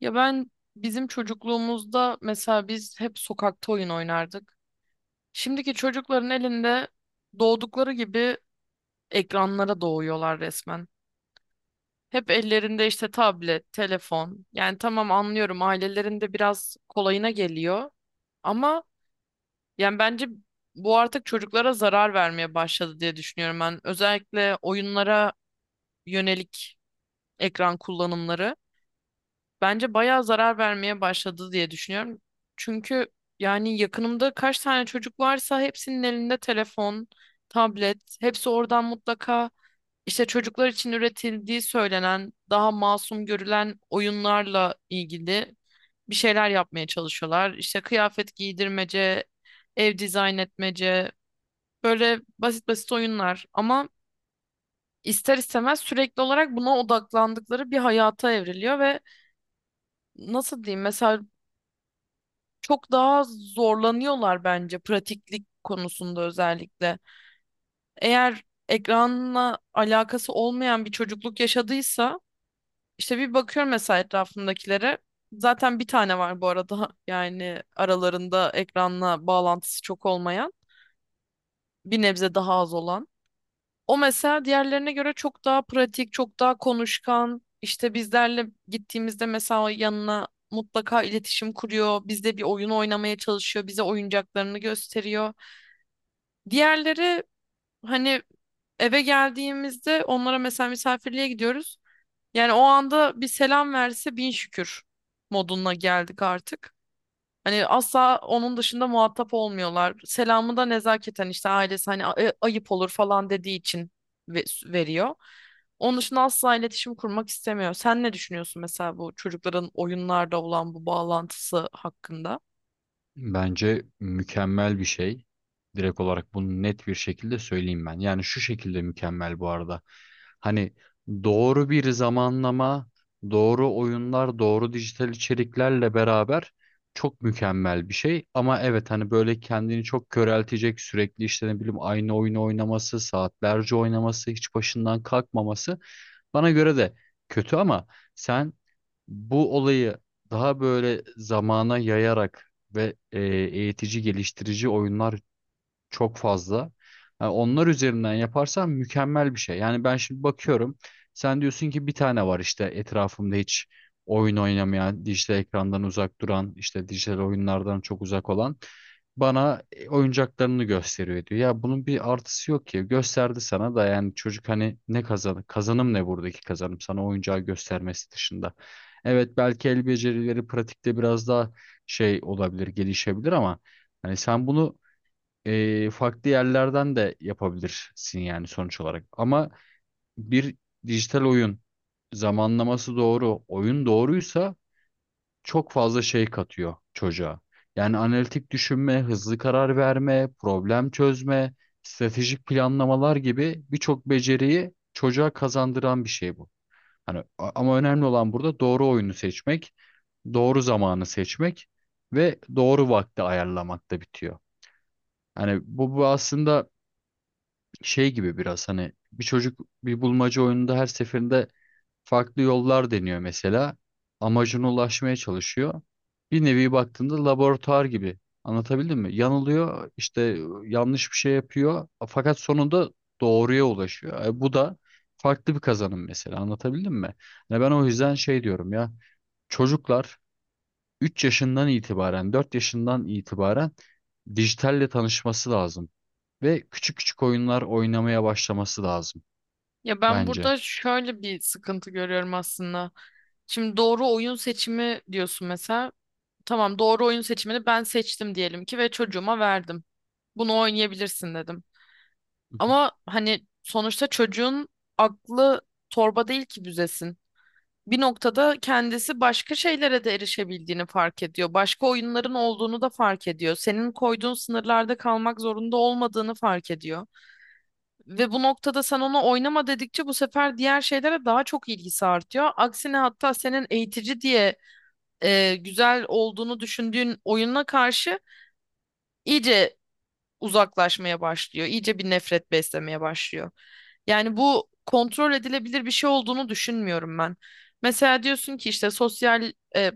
Ya ben bizim çocukluğumuzda mesela biz hep sokakta oyun oynardık. Şimdiki çocukların elinde doğdukları gibi ekranlara doğuyorlar resmen. Hep ellerinde işte tablet, telefon. Yani tamam anlıyorum ailelerinde biraz kolayına geliyor. Ama yani bence bu artık çocuklara zarar vermeye başladı diye düşünüyorum ben. Özellikle oyunlara yönelik ekran kullanımları. Bence bayağı zarar vermeye başladı diye düşünüyorum. Çünkü yani yakınımda kaç tane çocuk varsa hepsinin elinde telefon, tablet, hepsi oradan mutlaka işte çocuklar için üretildiği söylenen, daha masum görülen oyunlarla ilgili bir şeyler yapmaya çalışıyorlar. İşte kıyafet giydirmece, ev dizayn etmece, böyle basit basit oyunlar ama ister istemez sürekli olarak buna odaklandıkları bir hayata evriliyor ve nasıl diyeyim mesela çok daha zorlanıyorlar bence pratiklik konusunda özellikle. Eğer ekranla alakası olmayan bir çocukluk yaşadıysa işte bir bakıyorum mesela etrafımdakilere. Zaten bir tane var bu arada yani aralarında ekranla bağlantısı çok olmayan, bir nebze daha az olan. O mesela diğerlerine göre çok daha pratik, çok daha konuşkan. İşte bizlerle gittiğimizde mesela yanına mutlaka iletişim kuruyor. Bizde bir oyun oynamaya çalışıyor. Bize oyuncaklarını gösteriyor. Diğerleri hani eve geldiğimizde onlara mesela misafirliğe gidiyoruz. Yani o anda bir selam verse bin şükür moduna geldik artık. Hani asla onun dışında muhatap olmuyorlar. Selamı da nezaketen işte ailesi hani ayıp olur falan" dediği için veriyor. Onun dışında asla iletişim kurmak istemiyor. Sen ne düşünüyorsun mesela bu çocukların oyunlarda olan bu bağlantısı hakkında? Bence mükemmel bir şey. Direkt olarak bunu net bir şekilde söyleyeyim ben. Yani şu şekilde mükemmel bu arada. Hani doğru bir zamanlama, doğru oyunlar, doğru dijital içeriklerle beraber çok mükemmel bir şey. Ama evet hani böyle kendini çok köreltecek sürekli işte ne bileyim aynı oyunu oynaması, saatlerce oynaması, hiç başından kalkmaması bana göre de kötü ama sen bu olayı daha böyle zamana yayarak ve eğitici, geliştirici oyunlar çok fazla. Yani onlar üzerinden yaparsan mükemmel bir şey. Yani ben şimdi bakıyorum. Sen diyorsun ki bir tane var işte etrafımda hiç oyun oynamayan, dijital ekrandan uzak duran, işte dijital oyunlardan çok uzak olan bana oyuncaklarını gösteriyor diyor. Ya bunun bir artısı yok ki. Gösterdi sana da yani çocuk hani ne kazanım ne buradaki kazanım sana oyuncağı göstermesi dışında. Evet belki el becerileri pratikte biraz daha şey olabilir, gelişebilir ama hani sen bunu farklı yerlerden de yapabilirsin yani sonuç olarak. Ama bir dijital oyun zamanlaması doğru, oyun doğruysa çok fazla şey katıyor çocuğa. Yani analitik düşünme, hızlı karar verme, problem çözme, stratejik planlamalar gibi birçok beceriyi çocuğa kazandıran bir şey bu. Hani ama önemli olan burada doğru oyunu seçmek, doğru zamanı seçmek ve doğru vakti ayarlamakta bitiyor. Hani bu aslında şey gibi biraz hani bir çocuk bir bulmaca oyununda her seferinde farklı yollar deniyor mesela. Amacına ulaşmaya çalışıyor. Bir nevi baktığında laboratuvar gibi. Anlatabildim mi? Yanılıyor, işte yanlış bir şey yapıyor fakat sonunda doğruya ulaşıyor. Bu da farklı bir kazanım mesela. Anlatabildim mi? Yani ben o yüzden şey diyorum ya. Çocuklar 3 yaşından itibaren, 4 yaşından itibaren dijitalle tanışması lazım ve küçük küçük oyunlar oynamaya başlaması lazım Ya ben bence. burada şöyle bir sıkıntı görüyorum aslında. Şimdi doğru oyun seçimi diyorsun mesela. Tamam doğru oyun seçimini ben seçtim diyelim ki ve çocuğuma verdim. Bunu oynayabilirsin dedim. Hı hı, Ama hani sonuçta çocuğun aklı torba değil ki büzesin. Bir noktada kendisi başka şeylere de erişebildiğini fark ediyor. Başka oyunların olduğunu da fark ediyor. Senin koyduğun sınırlarda kalmak zorunda olmadığını fark ediyor. Ve bu noktada sen ona oynama dedikçe bu sefer diğer şeylere daha çok ilgisi artıyor. Aksine hatta senin eğitici diye güzel olduğunu düşündüğün oyununa karşı iyice uzaklaşmaya başlıyor. İyice bir nefret beslemeye başlıyor. Yani bu kontrol edilebilir bir şey olduğunu düşünmüyorum ben. Mesela diyorsun ki işte sosyal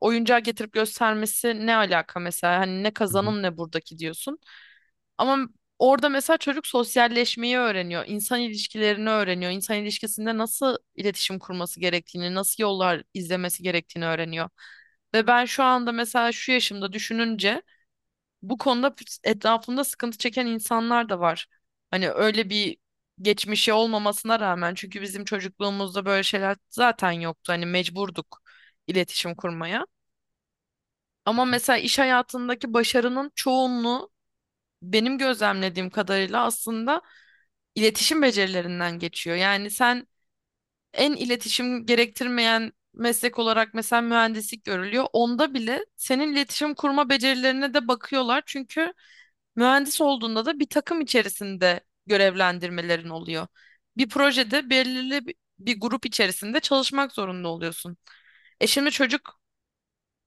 oyuncağı getirip göstermesi ne alaka mesela? Hani ne hı hı. kazanım ne buradaki diyorsun. Ama orada mesela çocuk sosyalleşmeyi öğreniyor, insan ilişkilerini öğreniyor, insan ilişkisinde nasıl iletişim kurması gerektiğini, nasıl yollar izlemesi gerektiğini öğreniyor. Ve ben şu anda mesela şu yaşımda düşününce bu konuda etrafımda sıkıntı çeken insanlar da var. Hani öyle bir geçmişi olmamasına rağmen çünkü bizim çocukluğumuzda böyle şeyler zaten yoktu. Hani mecburduk iletişim kurmaya. Ama mesela iş hayatındaki başarının çoğunluğu benim gözlemlediğim kadarıyla aslında iletişim becerilerinden geçiyor. Yani sen en iletişim gerektirmeyen meslek olarak mesela mühendislik görülüyor. Onda bile senin iletişim kurma becerilerine de bakıyorlar. Çünkü mühendis olduğunda da bir takım içerisinde görevlendirmelerin oluyor. Bir projede belirli bir grup içerisinde çalışmak zorunda oluyorsun. E şimdi çocuk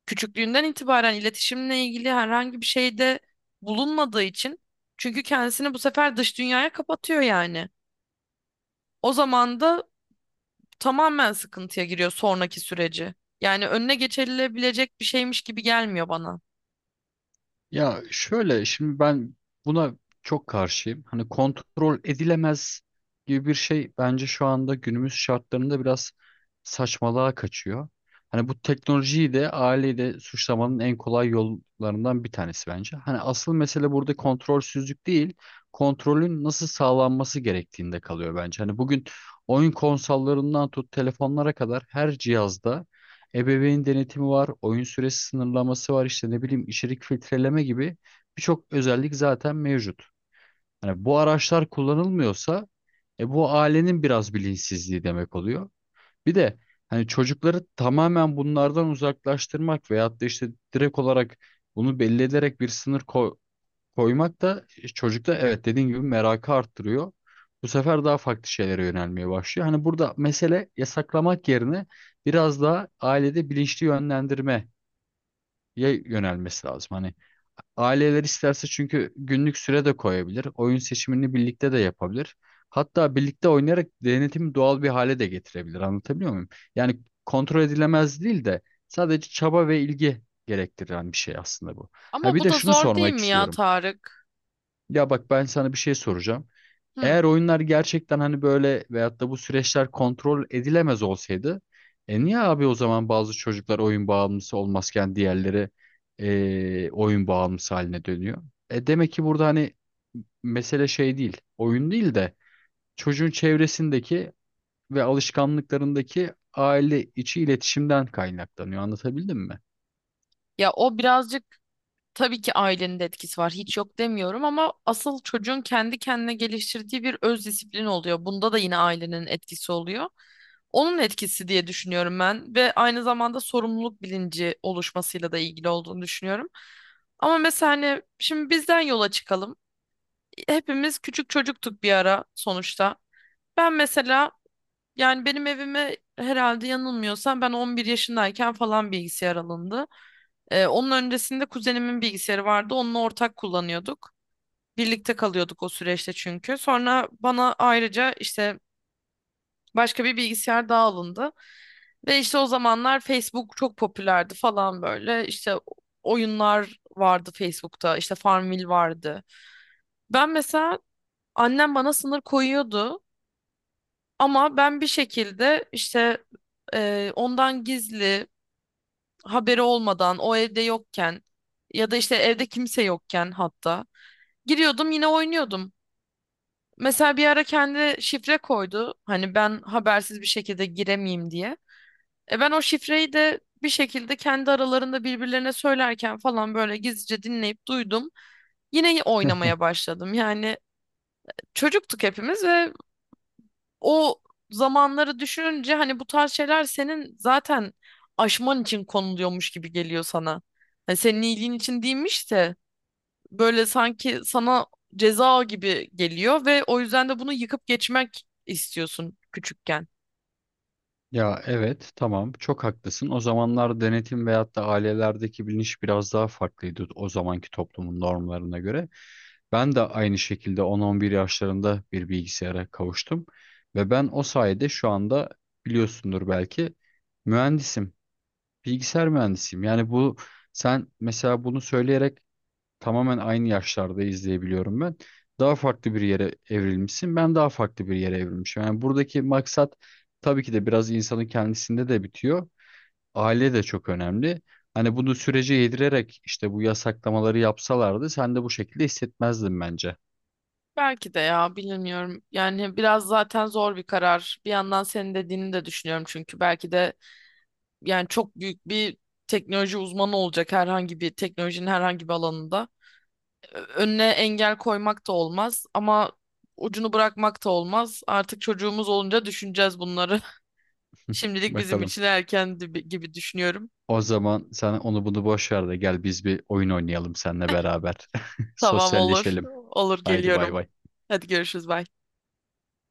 küçüklüğünden itibaren iletişimle ilgili herhangi bir şeyde bulunmadığı için çünkü kendisini bu sefer dış dünyaya kapatıyor yani. O zaman da tamamen sıkıntıya giriyor sonraki süreci. Yani önüne geçilebilecek bir şeymiş gibi gelmiyor bana. Ya şöyle şimdi ben buna çok karşıyım. Hani kontrol edilemez gibi bir şey bence şu anda günümüz şartlarında biraz saçmalığa kaçıyor. Hani bu teknolojiyi de aileyi de suçlamanın en kolay yollarından bir tanesi bence. Hani asıl mesele burada kontrolsüzlük değil, kontrolün nasıl sağlanması gerektiğinde kalıyor bence. Hani bugün oyun konsollarından tut telefonlara kadar her cihazda ebeveyn denetimi var, oyun süresi sınırlaması var, işte ne bileyim içerik filtreleme gibi birçok özellik zaten mevcut. Yani bu araçlar kullanılmıyorsa bu ailenin biraz bilinçsizliği demek oluyor. Bir de hani çocukları tamamen bunlardan uzaklaştırmak veyahut da işte direkt olarak bunu belli ederek bir sınır koymak da çocukta evet dediğin gibi merakı arttırıyor. Bu sefer daha farklı şeylere yönelmeye başlıyor. Hani burada mesele yasaklamak yerine biraz daha ailede bilinçli yönlendirmeye yönelmesi lazım. Hani aileler isterse çünkü günlük süre de koyabilir. Oyun seçimini birlikte de yapabilir. Hatta birlikte oynayarak denetimi doğal bir hale de getirebilir. Anlatabiliyor muyum? Yani kontrol edilemez değil de sadece çaba ve ilgi gerektiren bir şey aslında bu. Ha Ama bir bu de da şunu zor değil sormak mi ya istiyorum. Tarık? Ya bak ben sana bir şey soracağım. Hı. Eğer oyunlar gerçekten hani böyle veyahut da bu süreçler kontrol edilemez olsaydı, e niye abi o zaman bazı çocuklar oyun bağımlısı olmazken diğerleri oyun bağımlısı haline dönüyor? E demek ki burada hani mesele şey değil, oyun değil de çocuğun çevresindeki ve alışkanlıklarındaki aile içi iletişimden kaynaklanıyor. Anlatabildim mi? Ya o birazcık tabii ki ailenin de etkisi var. Hiç yok demiyorum ama asıl çocuğun kendi kendine geliştirdiği bir öz disiplin oluyor. Bunda da yine ailenin etkisi oluyor. Onun etkisi diye düşünüyorum ben ve aynı zamanda sorumluluk bilinci oluşmasıyla da ilgili olduğunu düşünüyorum. Ama mesela hani şimdi bizden yola çıkalım. Hepimiz küçük çocuktuk bir ara sonuçta. Ben mesela yani benim evime herhalde yanılmıyorsam ben 11 yaşındayken falan bilgisayar alındı. Onun öncesinde kuzenimin bilgisayarı vardı. Onunla ortak kullanıyorduk. Birlikte kalıyorduk o süreçte çünkü. Sonra bana ayrıca işte başka bir bilgisayar daha alındı. Ve işte o zamanlar Facebook çok popülerdi falan böyle. İşte oyunlar vardı Facebook'ta. İşte Farmville vardı. Ben mesela annem bana sınır koyuyordu. Ama ben bir şekilde işte ondan gizli haberi olmadan o evde yokken ya da işte evde kimse yokken hatta giriyordum yine oynuyordum. Mesela bir ara kendi şifre koydu. Hani ben habersiz bir şekilde giremeyeyim diye. E ben o şifreyi de bir şekilde kendi aralarında birbirlerine söylerken falan böyle gizlice dinleyip duydum. Yine oynamaya başladım. Yani çocuktuk hepimiz ve o zamanları düşününce hani bu tarz şeyler senin zaten aşman için konuluyormuş gibi geliyor sana. Hani senin iyiliğin için değilmiş de böyle sanki sana ceza gibi geliyor ve o yüzden de bunu yıkıp geçmek istiyorsun küçükken. Ya evet tamam çok haklısın. O zamanlar denetim veyahut da ailelerdeki bilinç biraz daha farklıydı o zamanki toplumun normlarına göre. Ben de aynı şekilde 10-11 yaşlarında bir bilgisayara kavuştum ve ben o sayede şu anda biliyorsundur belki mühendisim, bilgisayar mühendisiyim. Yani bu sen mesela bunu söyleyerek tamamen aynı yaşlarda izleyebiliyorum ben. Daha farklı bir yere evrilmişsin. Ben daha farklı bir yere evrilmişim. Yani buradaki maksat tabii ki de biraz insanın kendisinde de bitiyor. Aile de çok önemli. Hani bunu sürece yedirerek işte bu yasaklamaları yapsalardı sen de bu şekilde hissetmezdin bence. Belki de ya bilmiyorum. Yani biraz zaten zor bir karar. Bir yandan senin dediğini de düşünüyorum çünkü belki de yani çok büyük bir teknoloji uzmanı olacak herhangi bir teknolojinin herhangi bir alanında. Önüne engel koymak da olmaz ama ucunu bırakmak da olmaz. Artık çocuğumuz olunca düşüneceğiz bunları. Şimdilik bizim Bakalım. için erken gibi gibi düşünüyorum. O zaman sen onu bunu boş ver de gel biz bir oyun oynayalım seninle beraber. Tamam olur. Sosyalleşelim. Olur Haydi bay geliyorum. bay. Hadi görüşürüz. Bye.